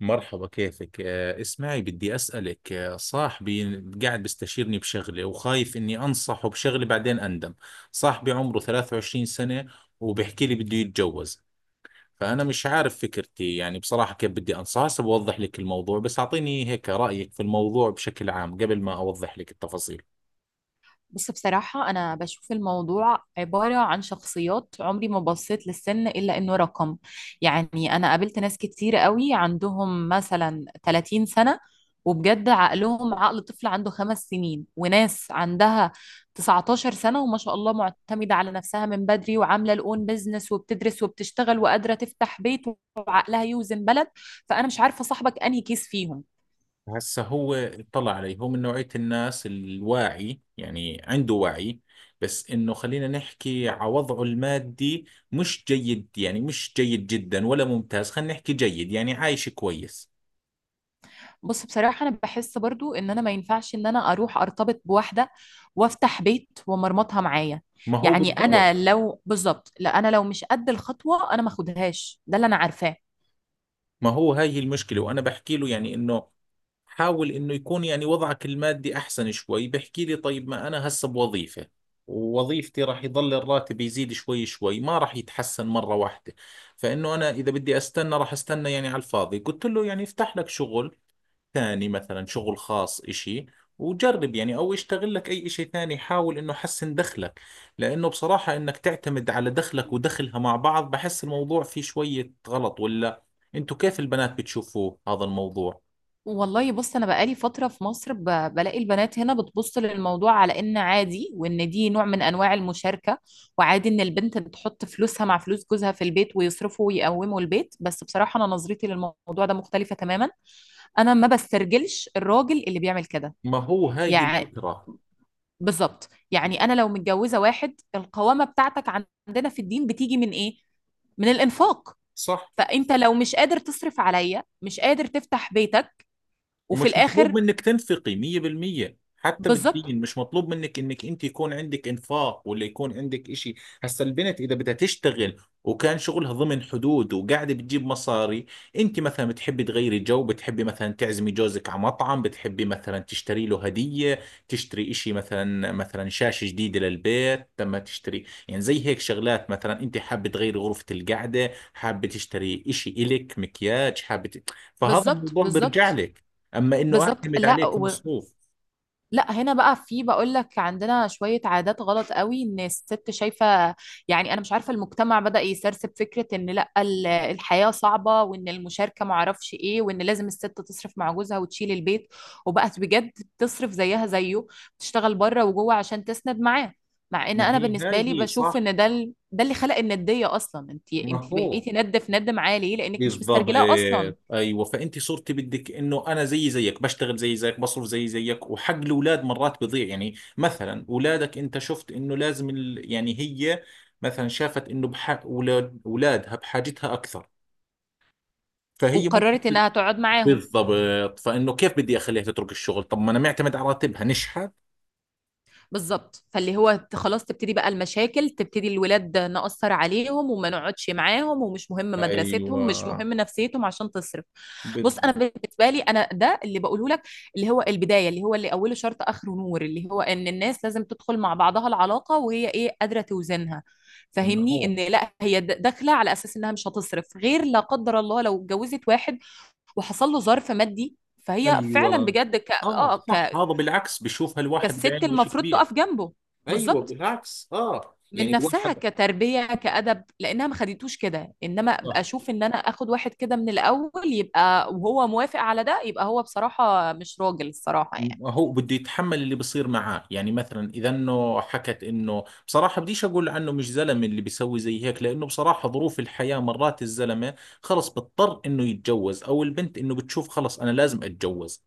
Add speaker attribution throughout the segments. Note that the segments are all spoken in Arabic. Speaker 1: مرحبا، كيفك؟ اسمعي، بدي أسألك. صاحبي قاعد بيستشيرني بشغلة وخايف إني أنصحه بشغلة بعدين أندم. صاحبي عمره 23 سنة وبحكي لي بده يتجوز. فأنا مش عارف فكرتي، يعني بصراحة كيف بدي أنصحه. هسه بوضح لك الموضوع، بس أعطيني هيك رأيك في الموضوع بشكل عام قبل ما أوضح لك التفاصيل.
Speaker 2: بص، بصراحة أنا بشوف الموضوع عبارة عن شخصيات. عمري ما بصيت للسن إلا إنه رقم. يعني أنا قابلت ناس كتير قوي عندهم مثلا 30 سنة، وبجد عقلهم عقل طفل عنده 5 سنين. وناس عندها 19 سنة وما شاء الله معتمدة على نفسها من بدري، وعاملة الأون بيزنس وبتدرس وبتشتغل وقادرة تفتح بيت، وعقلها يوزن بلد. فأنا مش عارفة صاحبك أنهي كيس فيهم.
Speaker 1: هسه هو اطلع عليه، هو من نوعية الناس الواعي، يعني عنده وعي. بس انه خلينا نحكي على وضعه المادي. مش جيد، يعني مش جيد جدا ولا ممتاز، خلينا نحكي جيد، يعني عايش كويس.
Speaker 2: بص، بصراحة أنا بحس برضو إن أنا ما ينفعش إن أنا أروح أرتبط بواحدة وأفتح بيت ومرمطها معايا.
Speaker 1: ما هو
Speaker 2: يعني أنا
Speaker 1: بالضبط.
Speaker 2: لو بالظبط، لا، أنا لو مش قد الخطوة أنا ما أخدهاش، ده اللي أنا عارفاه.
Speaker 1: ما هو هاي هي المشكلة، وانا بحكي له يعني انه حاول انه يكون يعني وضعك المادي احسن شوي. بحكي لي طيب، ما انا هسه بوظيفة ووظيفتي راح يضل الراتب يزيد شوي شوي، ما راح يتحسن مرة واحدة. فانه انا اذا بدي استنى راح استنى يعني على الفاضي. قلت له يعني افتح لك شغل ثاني، مثلا شغل خاص اشي، وجرب يعني، او اشتغل لك اي اشي ثاني، حاول انه حسن دخلك. لانه بصراحة انك تعتمد على دخلك ودخلها مع بعض، بحس الموضوع فيه شوية غلط. ولا انتوا كيف البنات بتشوفوه هذا الموضوع؟
Speaker 2: والله بص، أنا بقالي فترة في مصر بلاقي البنات هنا بتبص للموضوع على إن عادي وإن دي نوع من أنواع المشاركة، وعادي إن البنت بتحط فلوسها مع فلوس جوزها في البيت ويصرفوا ويقوموا البيت. بس بصراحة أنا نظرتي للموضوع ده مختلفة تماما. أنا ما بسترجلش الراجل اللي بيعمل كده.
Speaker 1: ما هو هاي هي
Speaker 2: يعني
Speaker 1: الفكرة.
Speaker 2: بالظبط. يعني انا لو متجوزه واحد، القوامه بتاعتك عندنا في الدين بتيجي من ايه؟ من الانفاق.
Speaker 1: صح.
Speaker 2: فانت لو مش قادر تصرف عليا، مش قادر تفتح بيتك. وفي
Speaker 1: ومش مطلوب
Speaker 2: الاخر.
Speaker 1: منك تنفقي 100%. حتى
Speaker 2: بالظبط.
Speaker 1: بالدين مش مطلوب منك انك انت يكون عندك انفاق ولا يكون عندك اشي. هسا البنت اذا بدها تشتغل وكان شغلها ضمن حدود وقاعده بتجيب مصاري، انت مثلا بتحبي تغيري جو، بتحبي مثلا تعزمي جوزك على مطعم، بتحبي مثلا تشتري له هديه، تشتري اشي، مثلا شاشه جديده للبيت. لما تشتري يعني زي هيك شغلات، مثلا انت حابه تغيري غرفه القعده، حابه تشتري اشي الك مكياج، فهذا
Speaker 2: بالظبط.
Speaker 1: الموضوع بيرجع
Speaker 2: بالظبط.
Speaker 1: لك. اما انه
Speaker 2: بالظبط.
Speaker 1: اعتمد
Speaker 2: لا،
Speaker 1: عليه كمصروف.
Speaker 2: لا، هنا بقى في بقول لك عندنا شوية عادات غلط قوي، ان الست شايفة. يعني انا مش عارفة، المجتمع بدأ يسرسب فكرة ان لا، الحياة صعبة وان المشاركة معرفش ايه وان لازم الست تصرف مع جوزها وتشيل البيت، وبقت بجد بتصرف زيها زيه، بتشتغل بره وجوه عشان تسند معاه. مع ان
Speaker 1: ما
Speaker 2: انا
Speaker 1: هي
Speaker 2: بالنسبة
Speaker 1: هاي
Speaker 2: لي
Speaker 1: هي
Speaker 2: بشوف
Speaker 1: صح.
Speaker 2: ان ده ده اللي خلق الندية اصلا، انت
Speaker 1: ما
Speaker 2: انت
Speaker 1: هو
Speaker 2: بقيتي ند في ند معاه ليه؟ لانك مش
Speaker 1: بالضبط.
Speaker 2: مسترجلاه اصلا.
Speaker 1: ايوه، فانت صرتي بدك انه انا زي زيك بشتغل زي زيك بصرف زي زيك، وحق الاولاد مرات بضيع. يعني مثلا اولادك، انت شفت انه لازم يعني هي مثلا شافت انه بحق اولاد اولادها بحاجتها اكثر، فهي ممكن
Speaker 2: وقررت
Speaker 1: ت-
Speaker 2: انها تقعد معاهم.
Speaker 1: بالضبط. فانه كيف بدي اخليها تترك الشغل؟ طب ما انا معتمد على راتبها نشحت.
Speaker 2: بالظبط، خلاص تبتدي بقى المشاكل، تبتدي الولاد نأثر عليهم وما نقعدش معاهم، ومش مهم مدرستهم مش
Speaker 1: ايوه،
Speaker 2: مهم نفسيتهم عشان تصرف. بص انا
Speaker 1: بالضبط.
Speaker 2: بالنسبه لي، انا ده اللي بقوله لك، اللي هو البدايه، اللي هو اللي اوله شرط اخره نور. اللي هو ان الناس لازم تدخل مع بعضها العلاقه وهي ايه؟ قادره توزنها.
Speaker 1: ما
Speaker 2: فاهمني؟
Speaker 1: هو.
Speaker 2: ان لا، هي داخله على اساس انها مش هتصرف غير لا قدر الله لو اتجوزت واحد وحصل له ظرف مادي، فهي فعلا
Speaker 1: ايوه.
Speaker 2: بجد
Speaker 1: اه صح، هذا بالعكس بيشوفها الواحد
Speaker 2: كالست
Speaker 1: بعينه شيء
Speaker 2: المفروض
Speaker 1: كبير.
Speaker 2: تقف جنبه.
Speaker 1: ايوه،
Speaker 2: بالظبط.
Speaker 1: بالعكس. اه،
Speaker 2: من
Speaker 1: يعني
Speaker 2: نفسها
Speaker 1: الواحد.
Speaker 2: كتربية كأدب، لأنها ما خدتوش كده. إنما أبقى
Speaker 1: آه.
Speaker 2: أشوف إن أنا آخد واحد كده من الأول، يبقى وهو موافق على ده، يبقى هو بصراحة مش راجل الصراحة يعني.
Speaker 1: هو بده يتحمل اللي بصير معاه. يعني مثلا اذا انه حكت انه بصراحه بديش اقول عنه مش زلمه اللي بيسوي زي هيك، لانه بصراحه ظروف الحياه مرات الزلمه خلص بضطر انه يتجوز، او البنت انه بتشوف خلص انا لازم اتجوز.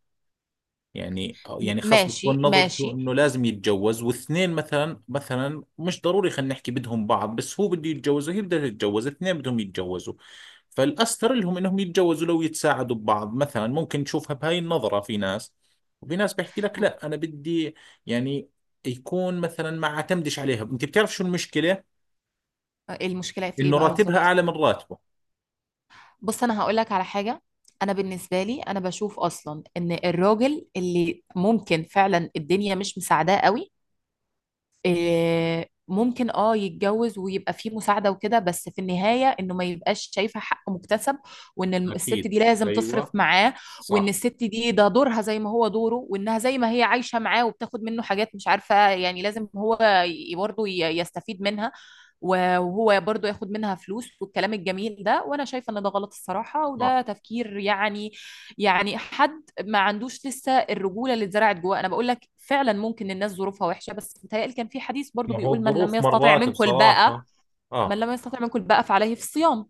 Speaker 1: يعني يعني خاص بتكون
Speaker 2: ماشي
Speaker 1: نظرته
Speaker 2: ماشي.
Speaker 1: انه لازم يتجوز، واثنين مثلا مش ضروري خلينا نحكي بدهم بعض، بس هو بده يتجوز وهي بدها تتجوز، اثنين بدهم يتجوزوا، فالاستر لهم انهم يتجوزوا لو يتساعدوا ببعض. مثلا ممكن تشوفها بهاي النظرة في ناس، وفي ناس بيحكي لك
Speaker 2: م-
Speaker 1: لا انا بدي يعني يكون مثلا ما اعتمدش عليها. انت بتعرف شو المشكلة؟
Speaker 2: المشكلة في إيه
Speaker 1: انه
Speaker 2: بقى
Speaker 1: راتبها
Speaker 2: بالظبط؟
Speaker 1: اعلى من راتبه.
Speaker 2: بص أنا هقول لك على حاجة. أنا بالنسبة لي أنا بشوف أصلا إن الراجل اللي ممكن فعلا الدنيا مش مساعداه قوي، إيه، ممكن اه يتجوز ويبقى فيه مساعدة وكده، بس في النهاية انه ما يبقاش شايفة حق مكتسب، وان الست
Speaker 1: أكيد.
Speaker 2: دي لازم تصرف
Speaker 1: ايوه.
Speaker 2: معاه، وان
Speaker 1: صح
Speaker 2: الست دي ده دورها زي ما هو دوره، وانها زي ما هي عايشة معاه وبتاخد منه حاجات مش عارفة، يعني لازم هو يستفيد منها، وهو برضه ياخد منها فلوس والكلام الجميل ده. وانا شايفة ان ده غلط الصراحة، وده
Speaker 1: صح.
Speaker 2: تفكير يعني. يعني حد ما عندوش لسه الرجوله اللي اتزرعت جواه. انا بقول لك فعلا ممكن الناس ظروفها وحشه، بس متهيألي كان في حديث برضو
Speaker 1: ما هو
Speaker 2: بيقول
Speaker 1: الظروف مرات بصراحة.
Speaker 2: من
Speaker 1: اه،
Speaker 2: لم يستطع منكم الباءة فعليه في الصيام.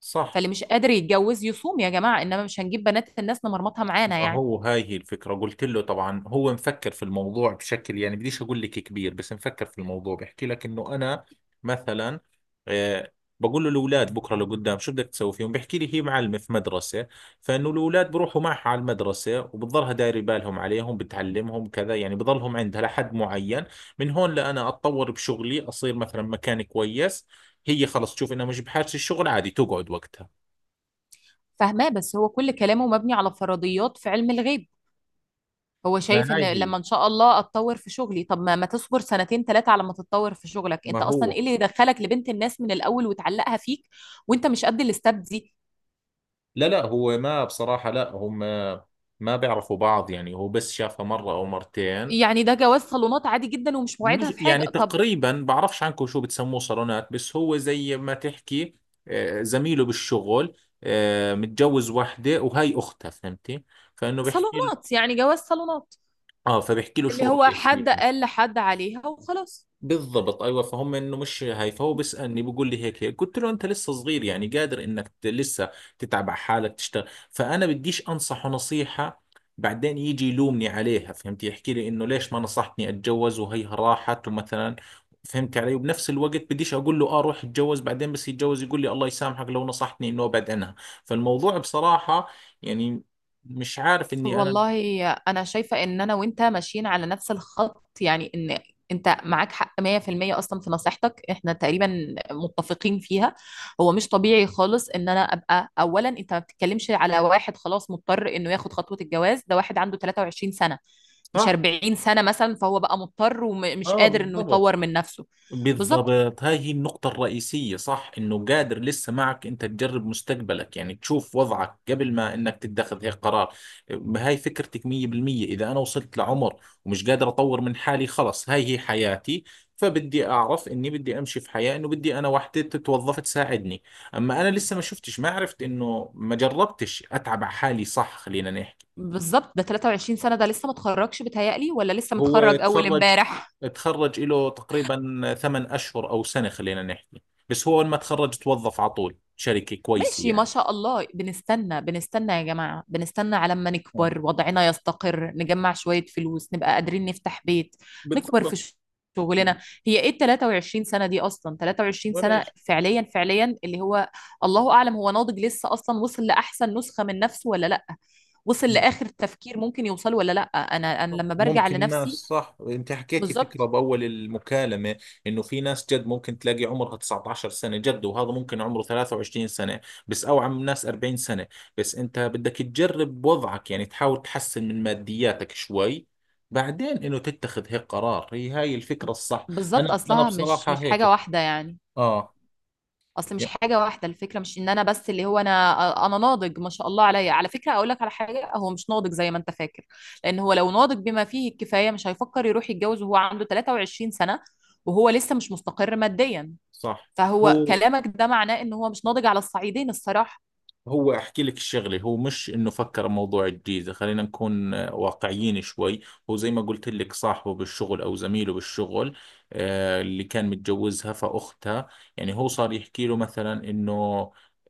Speaker 1: صح.
Speaker 2: فاللي مش قادر يتجوز يصوم يا جماعه، انما مش هنجيب بنات الناس نمرمطها معانا
Speaker 1: ما
Speaker 2: يعني.
Speaker 1: هو هاي هي الفكرة. قلت له طبعا هو مفكر في الموضوع بشكل يعني بديش أقول لك كبير، بس مفكر في الموضوع. بحكي لك إنه أنا مثلا، آه بقول له الأولاد بكرة لقدام شو بدك تسوي فيهم؟ بحكي لي هي معلمة في مدرسة، فإنه الأولاد بروحوا معها على المدرسة وبتضلها دايرة بالهم عليهم بتعلمهم كذا، يعني بضلهم عندها لحد معين. من هون لأنا أتطور بشغلي أصير مثلا مكان كويس، هي خلص تشوف إنها مش بحاجة الشغل، عادي تقعد وقتها.
Speaker 2: فاهماه. بس هو كل كلامه مبني على فرضيات في علم الغيب. هو
Speaker 1: ما
Speaker 2: شايف
Speaker 1: هاي
Speaker 2: ان
Speaker 1: هي.
Speaker 2: لما ان شاء الله اتطور في شغلي، طب ما تصبر سنتين ثلاثه على ما تتطور في شغلك؟
Speaker 1: ما
Speaker 2: انت اصلا
Speaker 1: هو.
Speaker 2: ايه اللي يدخلك لبنت الناس من الاول وتعلقها فيك وانت مش قد الاستاب دي؟
Speaker 1: لا لا هو ما بصراحة لا هم ما بيعرفوا بعض. يعني هو بس شافها مرة أو مرتين.
Speaker 2: يعني ده جواز صالونات عادي جدا ومش موعدها
Speaker 1: مش
Speaker 2: في حاجة.
Speaker 1: يعني
Speaker 2: طب
Speaker 1: تقريبا بعرفش عنكم شو بتسموه صالونات، بس هو زي ما تحكي. زميله بالشغل، متجوز وحدة وهي أختها، فهمتي؟ فإنه بيحكي له،
Speaker 2: صالونات يعني جواز صالونات،
Speaker 1: فبيحكي له
Speaker 2: اللي
Speaker 1: شو
Speaker 2: هو
Speaker 1: رأيك
Speaker 2: حد
Speaker 1: فيها.
Speaker 2: قال لحد عليها وخلاص.
Speaker 1: بالضبط. ايوه، فهم انه مش هاي. فهو بيسالني بيقول لي هيك هيك. قلت له انت لسه صغير، يعني قادر انك لسه تتعب على حالك تشتغل. فانا بديش انصحه نصيحه بعدين يجي يلومني عليها. فهمت؟ يحكي لي انه ليش ما نصحتني اتجوز وهيها راحت ومثلا. فهمت علي؟ وبنفس الوقت بديش اقول له اه روح اتجوز، بعدين بس يتجوز يقول لي الله يسامحك لو نصحتني انه ابعد عنها. فالموضوع بصراحه يعني مش عارف اني انا.
Speaker 2: والله انا شايفه ان انا وانت ماشيين على نفس الخط. يعني ان انت معاك حق 100%. اصلا في نصيحتك احنا تقريبا متفقين فيها. هو مش طبيعي خالص ان انا ابقى اولا. انت ما بتتكلمش على واحد خلاص مضطر انه ياخد خطوه الجواز، ده واحد عنده 23 سنه مش
Speaker 1: صح.
Speaker 2: 40 سنه مثلا. فهو بقى مضطر ومش
Speaker 1: اه،
Speaker 2: قادر انه
Speaker 1: بالضبط.
Speaker 2: يطور من نفسه. بالظبط،
Speaker 1: بالضبط، هاي هي النقطة الرئيسية. صح إنه قادر لسه معك أنت تجرب مستقبلك، يعني تشوف وضعك قبل ما إنك تتخذ هيك قرار. هاي فكرتك 100%. إذا أنا وصلت لعمر ومش قادر أطور من حالي، خلص هاي هي حياتي، فبدي أعرف إني بدي أمشي في حياة إنه بدي أنا وحدة تتوظف تساعدني. أما أنا لسه ما شفتش ما عرفت إنه ما جربتش أتعب على حالي، صح، خلينا نحكي.
Speaker 2: بالظبط. ده 23 سنه، ده لسه متخرجش بتهيألي ولا لسه
Speaker 1: هو
Speaker 2: متخرج اول
Speaker 1: تخرج،
Speaker 2: امبارح؟
Speaker 1: تخرج له تقريبا 8 أشهر أو سنة خلينا نحكي. بس هو لما تخرج توظف على طول شركة كويسة
Speaker 2: ماشي ما
Speaker 1: يعني.
Speaker 2: شاء الله، بنستنى بنستنى يا جماعة، بنستنى على ما
Speaker 1: آه.
Speaker 2: نكبر وضعنا يستقر نجمع شوية فلوس نبقى قادرين نفتح بيت، نكبر
Speaker 1: بالضبط.
Speaker 2: في
Speaker 1: يعني
Speaker 2: شغلنا. هي ايه ال 23 سنة دي اصلا؟ 23
Speaker 1: ولا
Speaker 2: سنة
Speaker 1: إيش.
Speaker 2: فعليا فعليا، اللي هو الله اعلم هو ناضج لسه اصلا؟ وصل لاحسن نسخة من نفسه ولا لا؟ وصل لاخر تفكير ممكن يوصل ولا لا؟ انا لما برجع
Speaker 1: ممكن ناس،
Speaker 2: لنفسي.
Speaker 1: صح انت حكيتي فكرة
Speaker 2: بالظبط،
Speaker 1: بأول المكالمة، انه في ناس جد ممكن تلاقي عمرها 19 سنة جد، وهذا ممكن عمره 23 سنة، بس او عم ناس 40 سنة. بس انت بدك تجرب وضعك، يعني تحاول تحسن من مادياتك شوي، بعدين انه تتخذ هيك قرار. هي هاي الفكرة الصح.
Speaker 2: بالظبط.
Speaker 1: انا
Speaker 2: اصلها مش
Speaker 1: بصراحة
Speaker 2: مش حاجة
Speaker 1: هيك.
Speaker 2: واحدة يعني.
Speaker 1: اه.
Speaker 2: اصل مش
Speaker 1: يا-
Speaker 2: حاجه واحده، الفكره مش ان انا بس اللي هو انا ناضج ما شاء الله عليا. على فكره اقول لك على حاجه، هو مش ناضج زي ما انت فاكر، لان هو لو ناضج بما فيه الكفايه مش هيفكر يروح يتجوز وهو عنده 23 سنه وهو لسه مش مستقر ماديا.
Speaker 1: صح.
Speaker 2: فهو
Speaker 1: هو
Speaker 2: كلامك ده معناه ان هو مش ناضج على الصعيدين الصراحه.
Speaker 1: هو احكي لك الشغله، هو مش انه فكر موضوع الجيزه. خلينا نكون واقعيين شوي. هو زي ما قلت لك صاحبه بالشغل او زميله بالشغل، اللي كان متجوزها فاختها. يعني هو صار يحكي له مثلا انه،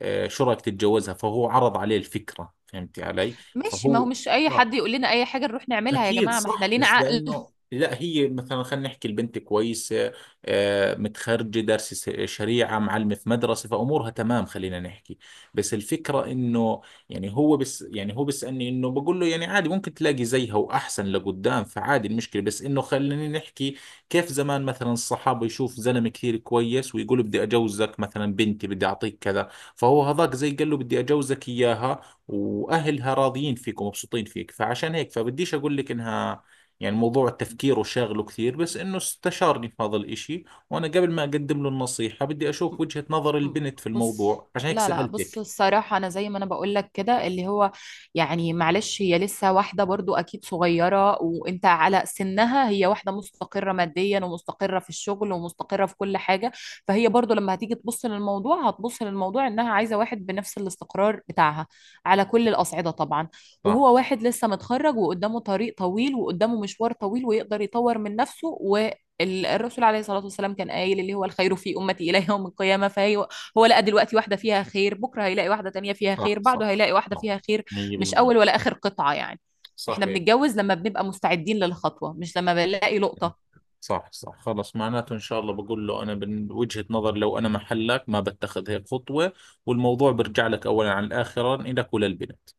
Speaker 1: شو رايك تتجوزها. فهو عرض عليه الفكره، فهمتي علي؟
Speaker 2: ماشي، ما هو
Speaker 1: فهو
Speaker 2: مش اي
Speaker 1: آه
Speaker 2: حد يقول لنا اي حاجه نروح نعملها يا
Speaker 1: أكيد
Speaker 2: جماعه، ما احنا
Speaker 1: صح.
Speaker 2: لينا
Speaker 1: بس
Speaker 2: عقل.
Speaker 1: لأنه لا هي مثلا خلينا نحكي البنت كويسة، متخرجة دارسة شريعة، معلمة في مدرسة، فأمورها تمام خلينا نحكي. بس الفكرة إنه يعني هو بس يعني هو بيسألني إنه بقول له يعني عادي، ممكن تلاقي زيها وأحسن لقدام فعادي، المشكلة بس إنه خلينا نحكي. كيف زمان مثلا الصحابة يشوف زلمة كثير كويس ويقول بدي أجوزك مثلا بنتي بدي أعطيك كذا، فهو هذاك زي قال له بدي اجوزك اياها واهلها راضيين فيك ومبسوطين فيك، فعشان هيك فبديش اقول لك انها يعني موضوع التفكير وشاغله كثير، بس انه استشارني في هذا الاشي، وانا قبل ما اقدم له النصيحة بدي اشوف وجهة نظر
Speaker 2: م-
Speaker 1: البنت في
Speaker 2: بص،
Speaker 1: الموضوع عشان هيك
Speaker 2: لا لا بص،
Speaker 1: سألتك.
Speaker 2: الصراحة أنا زي ما أنا بقول لك كده، اللي هو يعني معلش، هي لسه واحدة برضو أكيد صغيرة وأنت على سنها، هي واحدة مستقرة ماديا ومستقرة في الشغل ومستقرة في كل حاجة. فهي برضو لما هتيجي تبص للموضوع هتبص للموضوع إنها عايزة واحد بنفس الاستقرار بتاعها، على كل الأصعدة طبعا.
Speaker 1: صح
Speaker 2: وهو واحد لسه متخرج وقدامه طريق طويل وقدامه مشوار طويل ويقدر يطور من نفسه. و الرسول عليه الصلاة والسلام كان قايل اللي هو الخير في أمتي إلى يوم القيامة، فهي هو لقى دلوقتي واحدة فيها خير، بكرة هيلاقي واحدة تانية فيها
Speaker 1: صح
Speaker 2: خير،
Speaker 1: صح
Speaker 2: بعده هيلاقي واحدة
Speaker 1: صح
Speaker 2: فيها خير. مش
Speaker 1: 100%.
Speaker 2: أول ولا آخر قطعة يعني. احنا
Speaker 1: صحيح.
Speaker 2: بنتجوز لما بنبقى مستعدين للخطوة مش لما بنلاقي لقطة.
Speaker 1: صح صح. خلص معناته ان شاء الله بقول له انا من وجهة نظر لو انا محلك ما بتخذ هيك خطوة، والموضوع برجع لك اولا عن الاخرا لك وللبنت.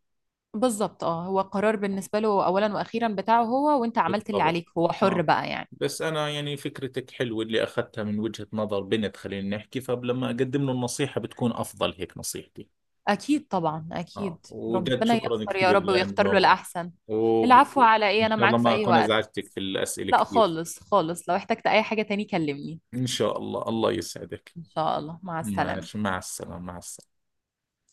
Speaker 2: بالظبط. اه هو قرار بالنسبة له أولا وأخيرا بتاعه هو، وانت عملت اللي
Speaker 1: بالضبط.
Speaker 2: عليك، هو حر
Speaker 1: اه.
Speaker 2: بقى يعني.
Speaker 1: بس انا يعني فكرتك حلوه اللي اخذتها من وجهه نظر بنت خلينا نحكي، فلما اقدم له النصيحه بتكون افضل، هيك نصيحتي.
Speaker 2: أكيد طبعا
Speaker 1: اه
Speaker 2: أكيد،
Speaker 1: وجد،
Speaker 2: ربنا
Speaker 1: شكرا
Speaker 2: ييسر يا
Speaker 1: كثير
Speaker 2: رب ويختار له
Speaker 1: لانه،
Speaker 2: الأحسن. العفو، على إيه،
Speaker 1: وان
Speaker 2: أنا
Speaker 1: شاء الله
Speaker 2: معاك في
Speaker 1: ما
Speaker 2: أي
Speaker 1: اكون
Speaker 2: وقت.
Speaker 1: ازعجتك في الاسئله
Speaker 2: لا
Speaker 1: كثير.
Speaker 2: خالص خالص، لو احتجت أي حاجة تاني كلمني.
Speaker 1: ان شاء الله، الله يسعدك.
Speaker 2: إن شاء الله مع السلامة.
Speaker 1: ماشي، مع السلامه، مع السلامه.